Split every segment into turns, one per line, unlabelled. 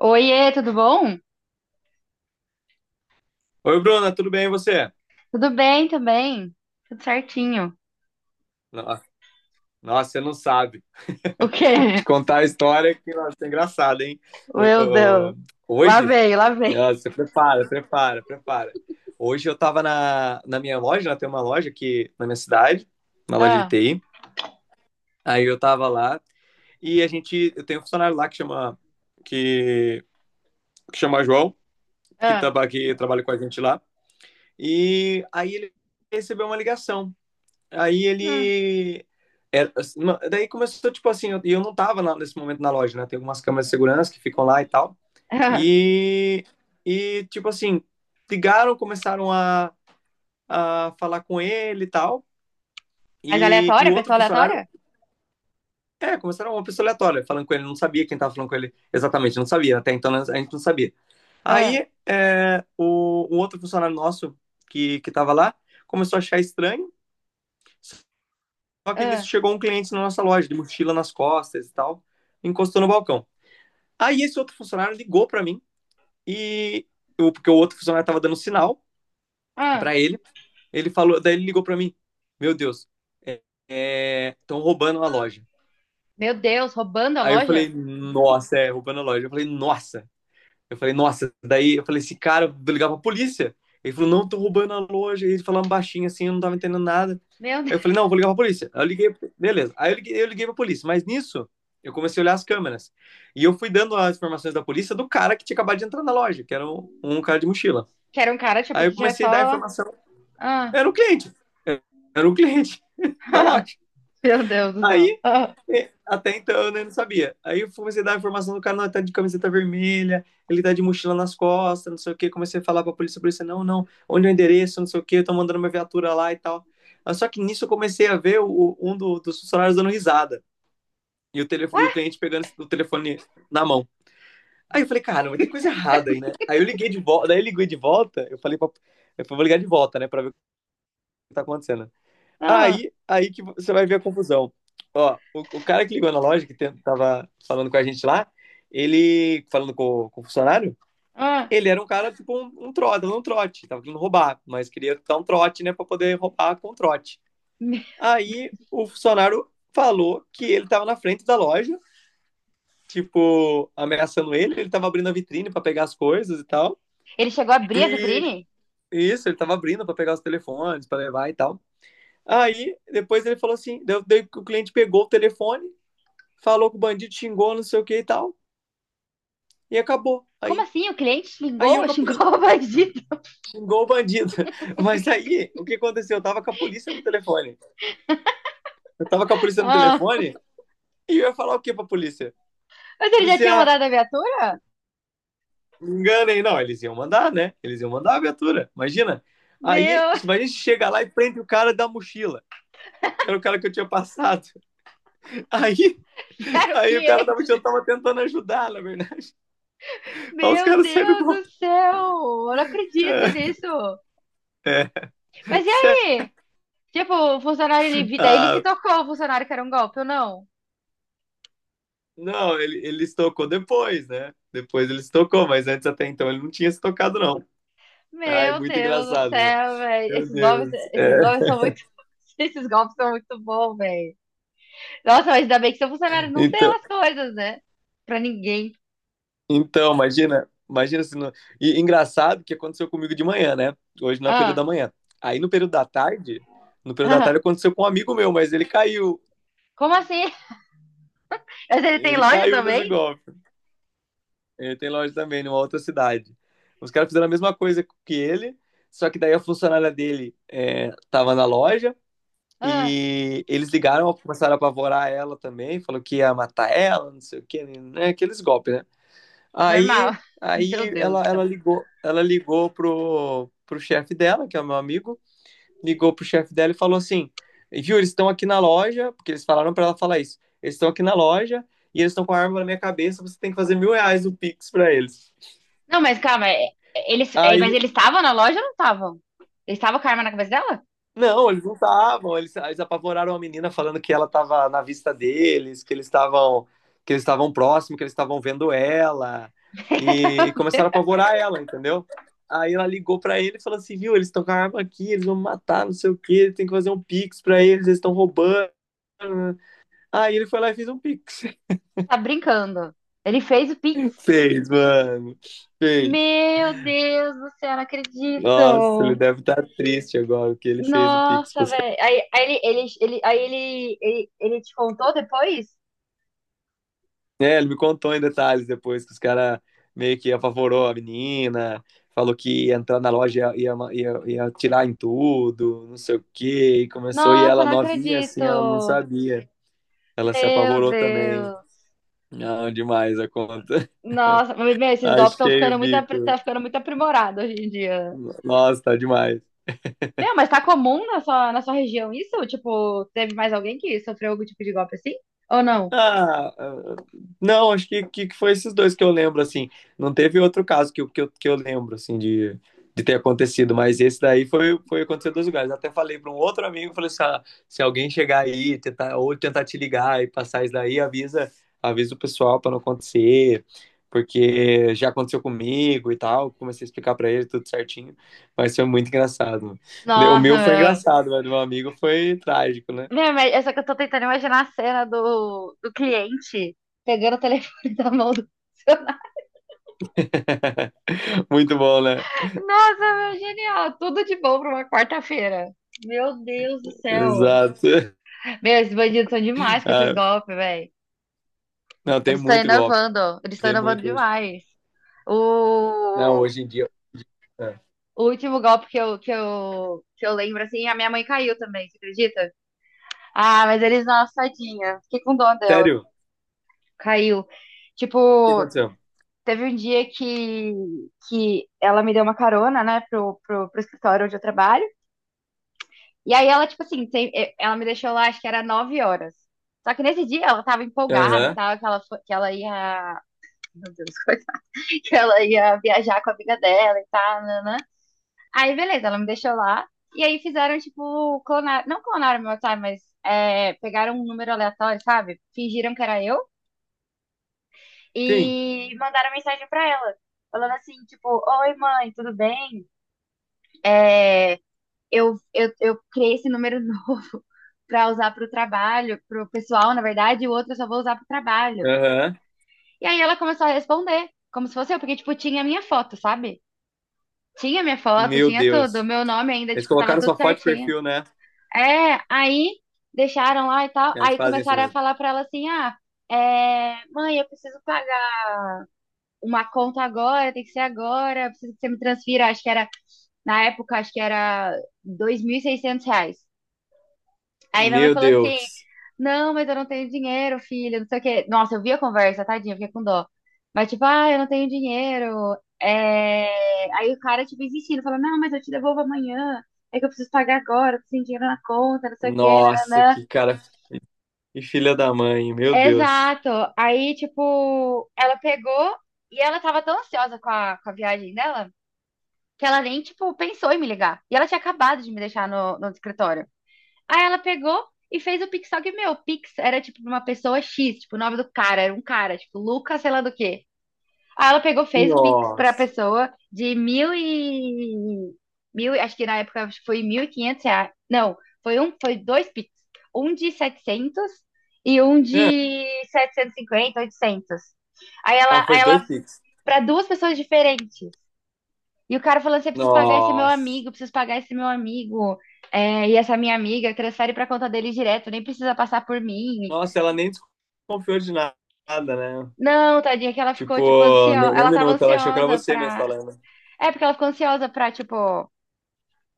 Oiê, tudo bom?
Oi, Bruna, tudo bem e você?
Tudo bem também. Tudo certinho.
No- Nossa, você não sabe.
O quê?
Te contar a história que nossa, é engraçada, hein? Ho-
Meu Deus.
ho-
Lá
Hoje,
vem, lá vem.
nossa, você prepara. Hoje eu tava na minha loja, né? Tem uma loja aqui na minha cidade, uma loja de
Ah,
TI. Aí eu tava lá e a gente, eu tenho um funcionário lá que que, que chama João,
ah,
que trabalha com a gente lá. E aí ele recebeu uma ligação. Aí
hum,
ele. Daí começou, tipo assim, e eu não tava nesse momento na loja, né? Tem algumas câmeras de segurança que ficam lá e tal.
ah.
E, e tipo assim, ligaram, a falar com ele e tal.
Mas
E o
aleatória?
outro
Pessoa aleatória?
funcionário, é, começaram uma pessoa aleatória, falando com ele, não sabia quem tava falando com ele exatamente, não sabia, até então, né, a gente não sabia.
Ah,
O outro funcionário nosso que tava lá começou a achar estranho. Só que nisso
ah,
chegou um cliente na nossa loja, de mochila nas costas e tal, encostou no balcão. Aí esse outro funcionário ligou para mim e eu, porque o outro funcionário tava dando sinal
ah.
para ele, ele falou, daí ele ligou para mim, meu Deus, estão tão roubando a loja.
Meu Deus, roubando a
Aí eu falei,
loja?
nossa, é, roubando a loja. Eu falei, nossa. Eu falei, nossa, daí eu falei, esse cara, eu vou ligar pra polícia. Ele falou, não, tô roubando a loja. Ele falando baixinho assim, eu não tava entendendo nada.
Meu Deus.
Aí eu falei, não, vou ligar pra polícia. Aí eu liguei, beleza. Eu liguei pra polícia, mas nisso eu comecei a olhar as câmeras. E eu fui dando as informações da polícia do cara que tinha acabado de entrar na loja, que era um cara de mochila.
Que era um cara, tipo,
Aí
que
eu
já é
comecei a dar a
só.
informação.
Ah,
Era o cliente. Era o cliente da loja.
Meu Deus do céu.
Aí
Ah,
até então, né, eu não sabia. Aí eu comecei a dar a informação do cara, não, ele tá de camiseta vermelha, ele tá de mochila nas costas, não sei o quê. Comecei a falar pra polícia, a polícia, não, não, onde é o endereço, não sei o quê, eu tô mandando uma viatura lá e tal. Só que nisso eu comecei a ver um dos funcionários dando risada
ué?
e o cliente pegando o telefone na mão. Aí eu falei, cara, mas tem coisa errada aí, né? Aí eu liguei de volta, eu falei pra, eu falei, vou ligar de volta, né, pra ver o que tá acontecendo.
Ah,
Aí que você vai ver a confusão. Ó, o cara que ligou na loja, que tava falando com a gente lá, ele, falando com, com o funcionário,
ah.
ele era um cara, tipo, um trote, dando um trote. Tava querendo roubar, mas queria dar um trote, né, pra poder roubar com trote.
Ele
Aí o funcionário falou que ele tava na frente da loja, tipo, ameaçando ele. Ele tava abrindo a vitrine pra pegar as coisas e tal.
chegou a abrir a
E
vitrine?
isso, ele tava abrindo pra pegar os telefones, pra levar e tal. Aí, depois ele falou assim, daí o cliente pegou o telefone, falou que o bandido xingou, não sei o que e tal, e acabou.
Como assim? O cliente
Aí eu
xingou?
capu-
Xingou o bandido?
xingou o bandido. Mas aí, o que aconteceu? Eu tava com a polícia no telefone. Eu tava com a polícia no
Ah,
telefone e eu ia falar o que pra polícia?
mas ele já tinha
Polícia,
mandado a viatura?
me enganem. Não, eles iam mandar, né? Eles iam mandar a viatura, imagina. Aí,
Meu
imagina se chega lá e prende o cara da mochila, que era o cara que eu tinha passado. Aí,
era o
aí o cara da mochila
cliente.
tava tentando ajudar, na verdade. Aí os
Meu
caras saíram
Deus
com...
do céu, eu não acredito nisso.
É, é,
Mas e
sério.
aí? Tipo, o funcionário, ele, daí ele se
Ah,
tocou, o funcionário que era um golpe ou não?
Não, ele se tocou depois, né? Depois ele se tocou, mas antes até então ele não tinha se tocado, não. Ai,
Meu
muito
Deus do
engraçado, meu.
céu, velho.
Meu Deus.
Esses golpes
É.
são muito. Esses golpes são muito bons, velho. Nossa, mas ainda bem que seu funcionário não deu
Então,
as coisas, né? Pra ninguém.
então, imagina, imagina se não... E engraçado que aconteceu comigo de manhã, né? Hoje não é período da
Ah,
manhã. Aí no período da tarde, no período da
ah.
tarde aconteceu com um amigo meu, mas ele caiu.
Como assim? Mas ele tem
Ele
loja
caiu nesse
também?
golpe. Ele tem loja também, numa outra cidade. Os caras fizeram a mesma coisa que ele, só que daí a funcionária dele, é, tava na loja.
Ah,
E eles ligaram, começaram a apavorar ela também, falou que ia matar ela, não sei o que, né? Aqueles golpes, né? Aí,
normal. Meu Deus do céu.
ela ligou, pro chefe dela, que é o meu amigo, ligou pro chefe dela e falou assim: viu, eles estão aqui na loja, porque eles falaram para ela falar isso, eles estão aqui na loja e eles estão com a arma na minha cabeça, você tem que fazer R$ 1.000 no Pix pra eles.
Não, mas calma, eles, é, mas
Aí
eles estavam na loja ou não estavam? Eles estavam com a arma na cabeça dela?
Não, eles não estavam. Eles apavoraram a menina falando que ela estava na vista deles, que eles estavam próximos, que eles estavam vendo ela e começaram a apavorar ela, entendeu? Aí ela ligou pra ele e falou assim, viu, eles estão com a arma aqui, eles vão me matar, não sei o quê, tem que fazer um pix pra eles, eles estão roubando. Aí ele foi lá e fez um pix.
Tá brincando. Ele fez o Pix.
Fez, mano. Fez.
Meu Deus do céu, não
Nossa, ele
acredito.
deve estar triste agora que ele fez o pix
Nossa,
pros...
velho. Aí, aí ele, aí ele, ele te contou depois?
É, ele me contou em detalhes depois que os caras meio que apavorou a menina, falou que ia entrar na loja e ia tirar em tudo, não sei o quê, e começou, e
Nossa,
ela
não
novinha assim, ela não
acredito.
sabia. Ela se
Meu
apavorou também.
Deus.
Não, demais a conta.
Nossa, mas, meu, esses golpes estão
Achei
ficando
o
muito,
bico.
tá ficando muito aprimorado hoje em dia.
Nossa, tá demais.
Meu, mas tá comum na sua região isso? Tipo, teve mais alguém que sofreu algum tipo de golpe assim? Ou não?
Ah, ah, não, acho que, que foi esses dois que eu lembro, assim. Não teve outro caso que, que eu lembro, assim, de ter acontecido, mas esse daí foi, foi acontecer em dois lugares. Até falei para um outro amigo, falei assim, ah, se alguém chegar aí, tentar, ou tentar te ligar e passar isso daí, avisa, avisa o pessoal para não acontecer, porque já aconteceu comigo e tal. Comecei a explicar para ele tudo certinho, mas foi muito engraçado. O
Nossa,
meu foi
meu.
engraçado, mas do meu amigo foi trágico, né?
Meu, mas é só que eu tô tentando imaginar a cena do, do cliente pegando o telefone da mão do funcionário.
Muito bom, né?
Nossa, meu, genial. Tudo de bom pra uma quarta-feira. Meu Deus do céu.
Exato.
Meu, esses bandidos são demais com esses
Ah,
golpes, velho.
não, tem
Eles estão
muito golpe.
inovando. Eles estão
Tem
inovando
muito hoje.
demais.
Não,
O,
hoje em dia. ah,
o último golpe que eu lembro, assim, a minha mãe caiu também, você acredita? Ah, mas eles, nossa, tadinha. Fiquei com dó dela.
Sério? O
Caiu.
que
Tipo,
aconteceu?
teve um dia que ela me deu uma carona, né, pro, pro, pro escritório onde eu trabalho. E aí ela, tipo assim, ela me deixou lá, acho que era 9 horas. Só que nesse dia ela tava empolgada e
Aham.
tal, que ela, que ela ia. Meu Deus, coisa. Que ela ia viajar com a amiga dela e tal, nanã. Aí, beleza, ela me deixou lá. E aí fizeram, tipo, clonar. Não clonaram meu time, mas pegaram um número aleatório, sabe? Fingiram que era eu.
Sim.
E mandaram mensagem pra ela, falando assim, tipo, oi mãe, tudo bem? É, eu criei esse número novo pra usar pro trabalho, pro pessoal, na verdade, e o outro eu só vou usar pro trabalho.
Aham.
E aí ela começou a responder, como se fosse eu, porque, tipo, tinha a minha foto, sabe? Tinha minha foto,
Meu
tinha tudo,
Deus.
meu nome ainda,
Eles
tipo, tava
colocaram
tudo
sua foto de
certinho.
perfil, né?
É, aí deixaram lá e tal,
Eles
aí
fazem isso
começaram a
mesmo.
falar pra ela assim, ah, é, mãe, eu preciso pagar uma conta agora, tem que ser agora, preciso que você me transfira, acho que era, na época, acho que era 2.600 reais. Aí minha mãe
Meu
falou assim,
Deus.
não, mas eu não tenho dinheiro, filha, não sei o quê. Nossa, eu vi a conversa, tadinha, fiquei com dó. Mas tipo, ah, eu não tenho dinheiro. É... Aí o cara, tipo, insistindo, falou não, mas eu te devolvo amanhã. É que eu preciso pagar agora, eu preciso de dinheiro na conta, não sei o quê,
Nossa,
nananã.
que cara. Que filha da mãe. Meu Deus.
Exato. Aí, tipo, ela pegou e ela tava tão ansiosa com a viagem dela, que ela nem, tipo, pensou em me ligar. E ela tinha acabado de me deixar no, no escritório. Aí ela pegou e fez o Pix, só que, meu, o Pix era, tipo, pra uma pessoa X, tipo, o nome do cara, era um cara, tipo, Lucas, sei lá do quê. Aí ela pegou, fez o Pix pra
Nossa.
pessoa de mil e... Mil, acho que na época foi 1.500 reais. Não, foi um, foi dois Pix. Um de 700 e um
É.
de 750, 800. Aí ela,
Ah, tá, foi
aí
2
ela
Pix.
para duas pessoas diferentes. E o cara falando assim, eu preciso pagar esse meu
Nossa.
amigo, eu preciso pagar esse meu amigo, é, e essa minha amiga transfere pra conta dele direto, nem precisa passar por mim.
Nossa, ela nem desconfiou de nada, né?
Não, tadinha, que ela ficou, tipo,
Tipo,
ansiosa,
nem um
ela tava
minuto. Ela achou que era
ansiosa
você mesmo
pra...
falando.
É, porque ela ficou ansiosa pra, tipo,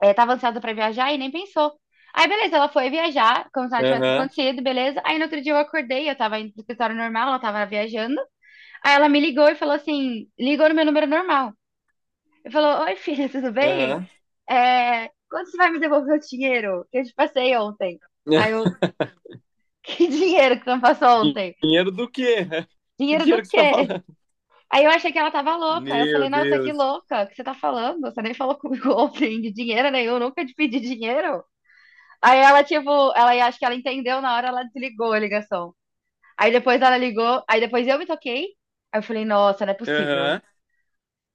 é, tava ansiosa pra viajar e nem pensou. Aí, beleza, ela foi viajar, como se nada tivesse
Aham.
acontecido, beleza. Aí, no outro dia eu acordei, eu tava indo pro escritório normal, ela tava viajando. Aí ela me ligou e falou assim, ligou no meu número normal. Ele falou: oi, filha, tudo bem?
Aham.
É, quando você vai me devolver o dinheiro que eu te passei ontem? Aí eu: que dinheiro que você me passou ontem?
Dinheiro do quê? Que
Dinheiro
dinheiro
do
que você tá
quê?
falando?
Aí eu achei que ela tava louca. Aí eu falei:
Meu
nossa, que
Deus.
louca, o que você tá falando? Você nem falou comigo ontem de dinheiro nenhum, nunca te pedi dinheiro. Aí ela, tipo, ela acho que ela entendeu na hora, ela desligou a ligação. Aí depois ela ligou, aí depois eu me toquei. Aí eu falei, nossa, não é possível.
Aham.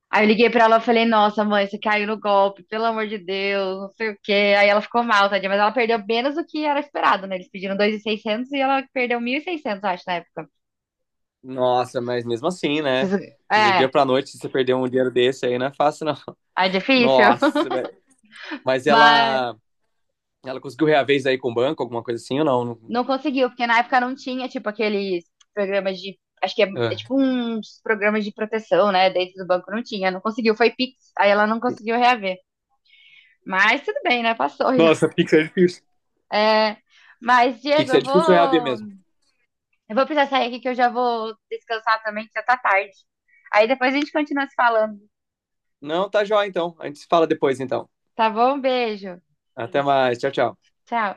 Aí eu liguei pra ela e falei, nossa, mãe, você caiu no golpe, pelo amor de Deus, não sei o quê. Aí ela ficou mal, tadinha, mas ela perdeu menos do que era esperado, né? Eles pediram 2.600 e ela perdeu 1.600 acho, na época.
Nossa, mas mesmo assim, né?
Vocês-
Do dia
é,
pra noite, se você perder um dinheiro desse aí, não é fácil, não.
é difícil,
Nossa, mas mas
mas
ela, ela conseguiu reaver isso aí com o banco, alguma coisa assim ou não?
não conseguiu, porque na época não tinha, tipo, aqueles programas de, acho que é, é
Ah.
tipo uns programas de proteção, né? Dentro do banco não tinha, não conseguiu, foi Pix, aí ela não conseguiu reaver. Mas tudo bem, né? Passou já.
Nossa, Pix é difícil.
É, mas, Diego,
Pix é
eu
difícil reaver mesmo.
vou. Eu vou precisar sair aqui que eu já vou descansar também, que já tá tarde. Aí depois a gente continua se falando,
Não, tá joia então. A gente se fala depois então.
tá bom? Beijo.
Até mais. Tchau, tchau.
Tchau.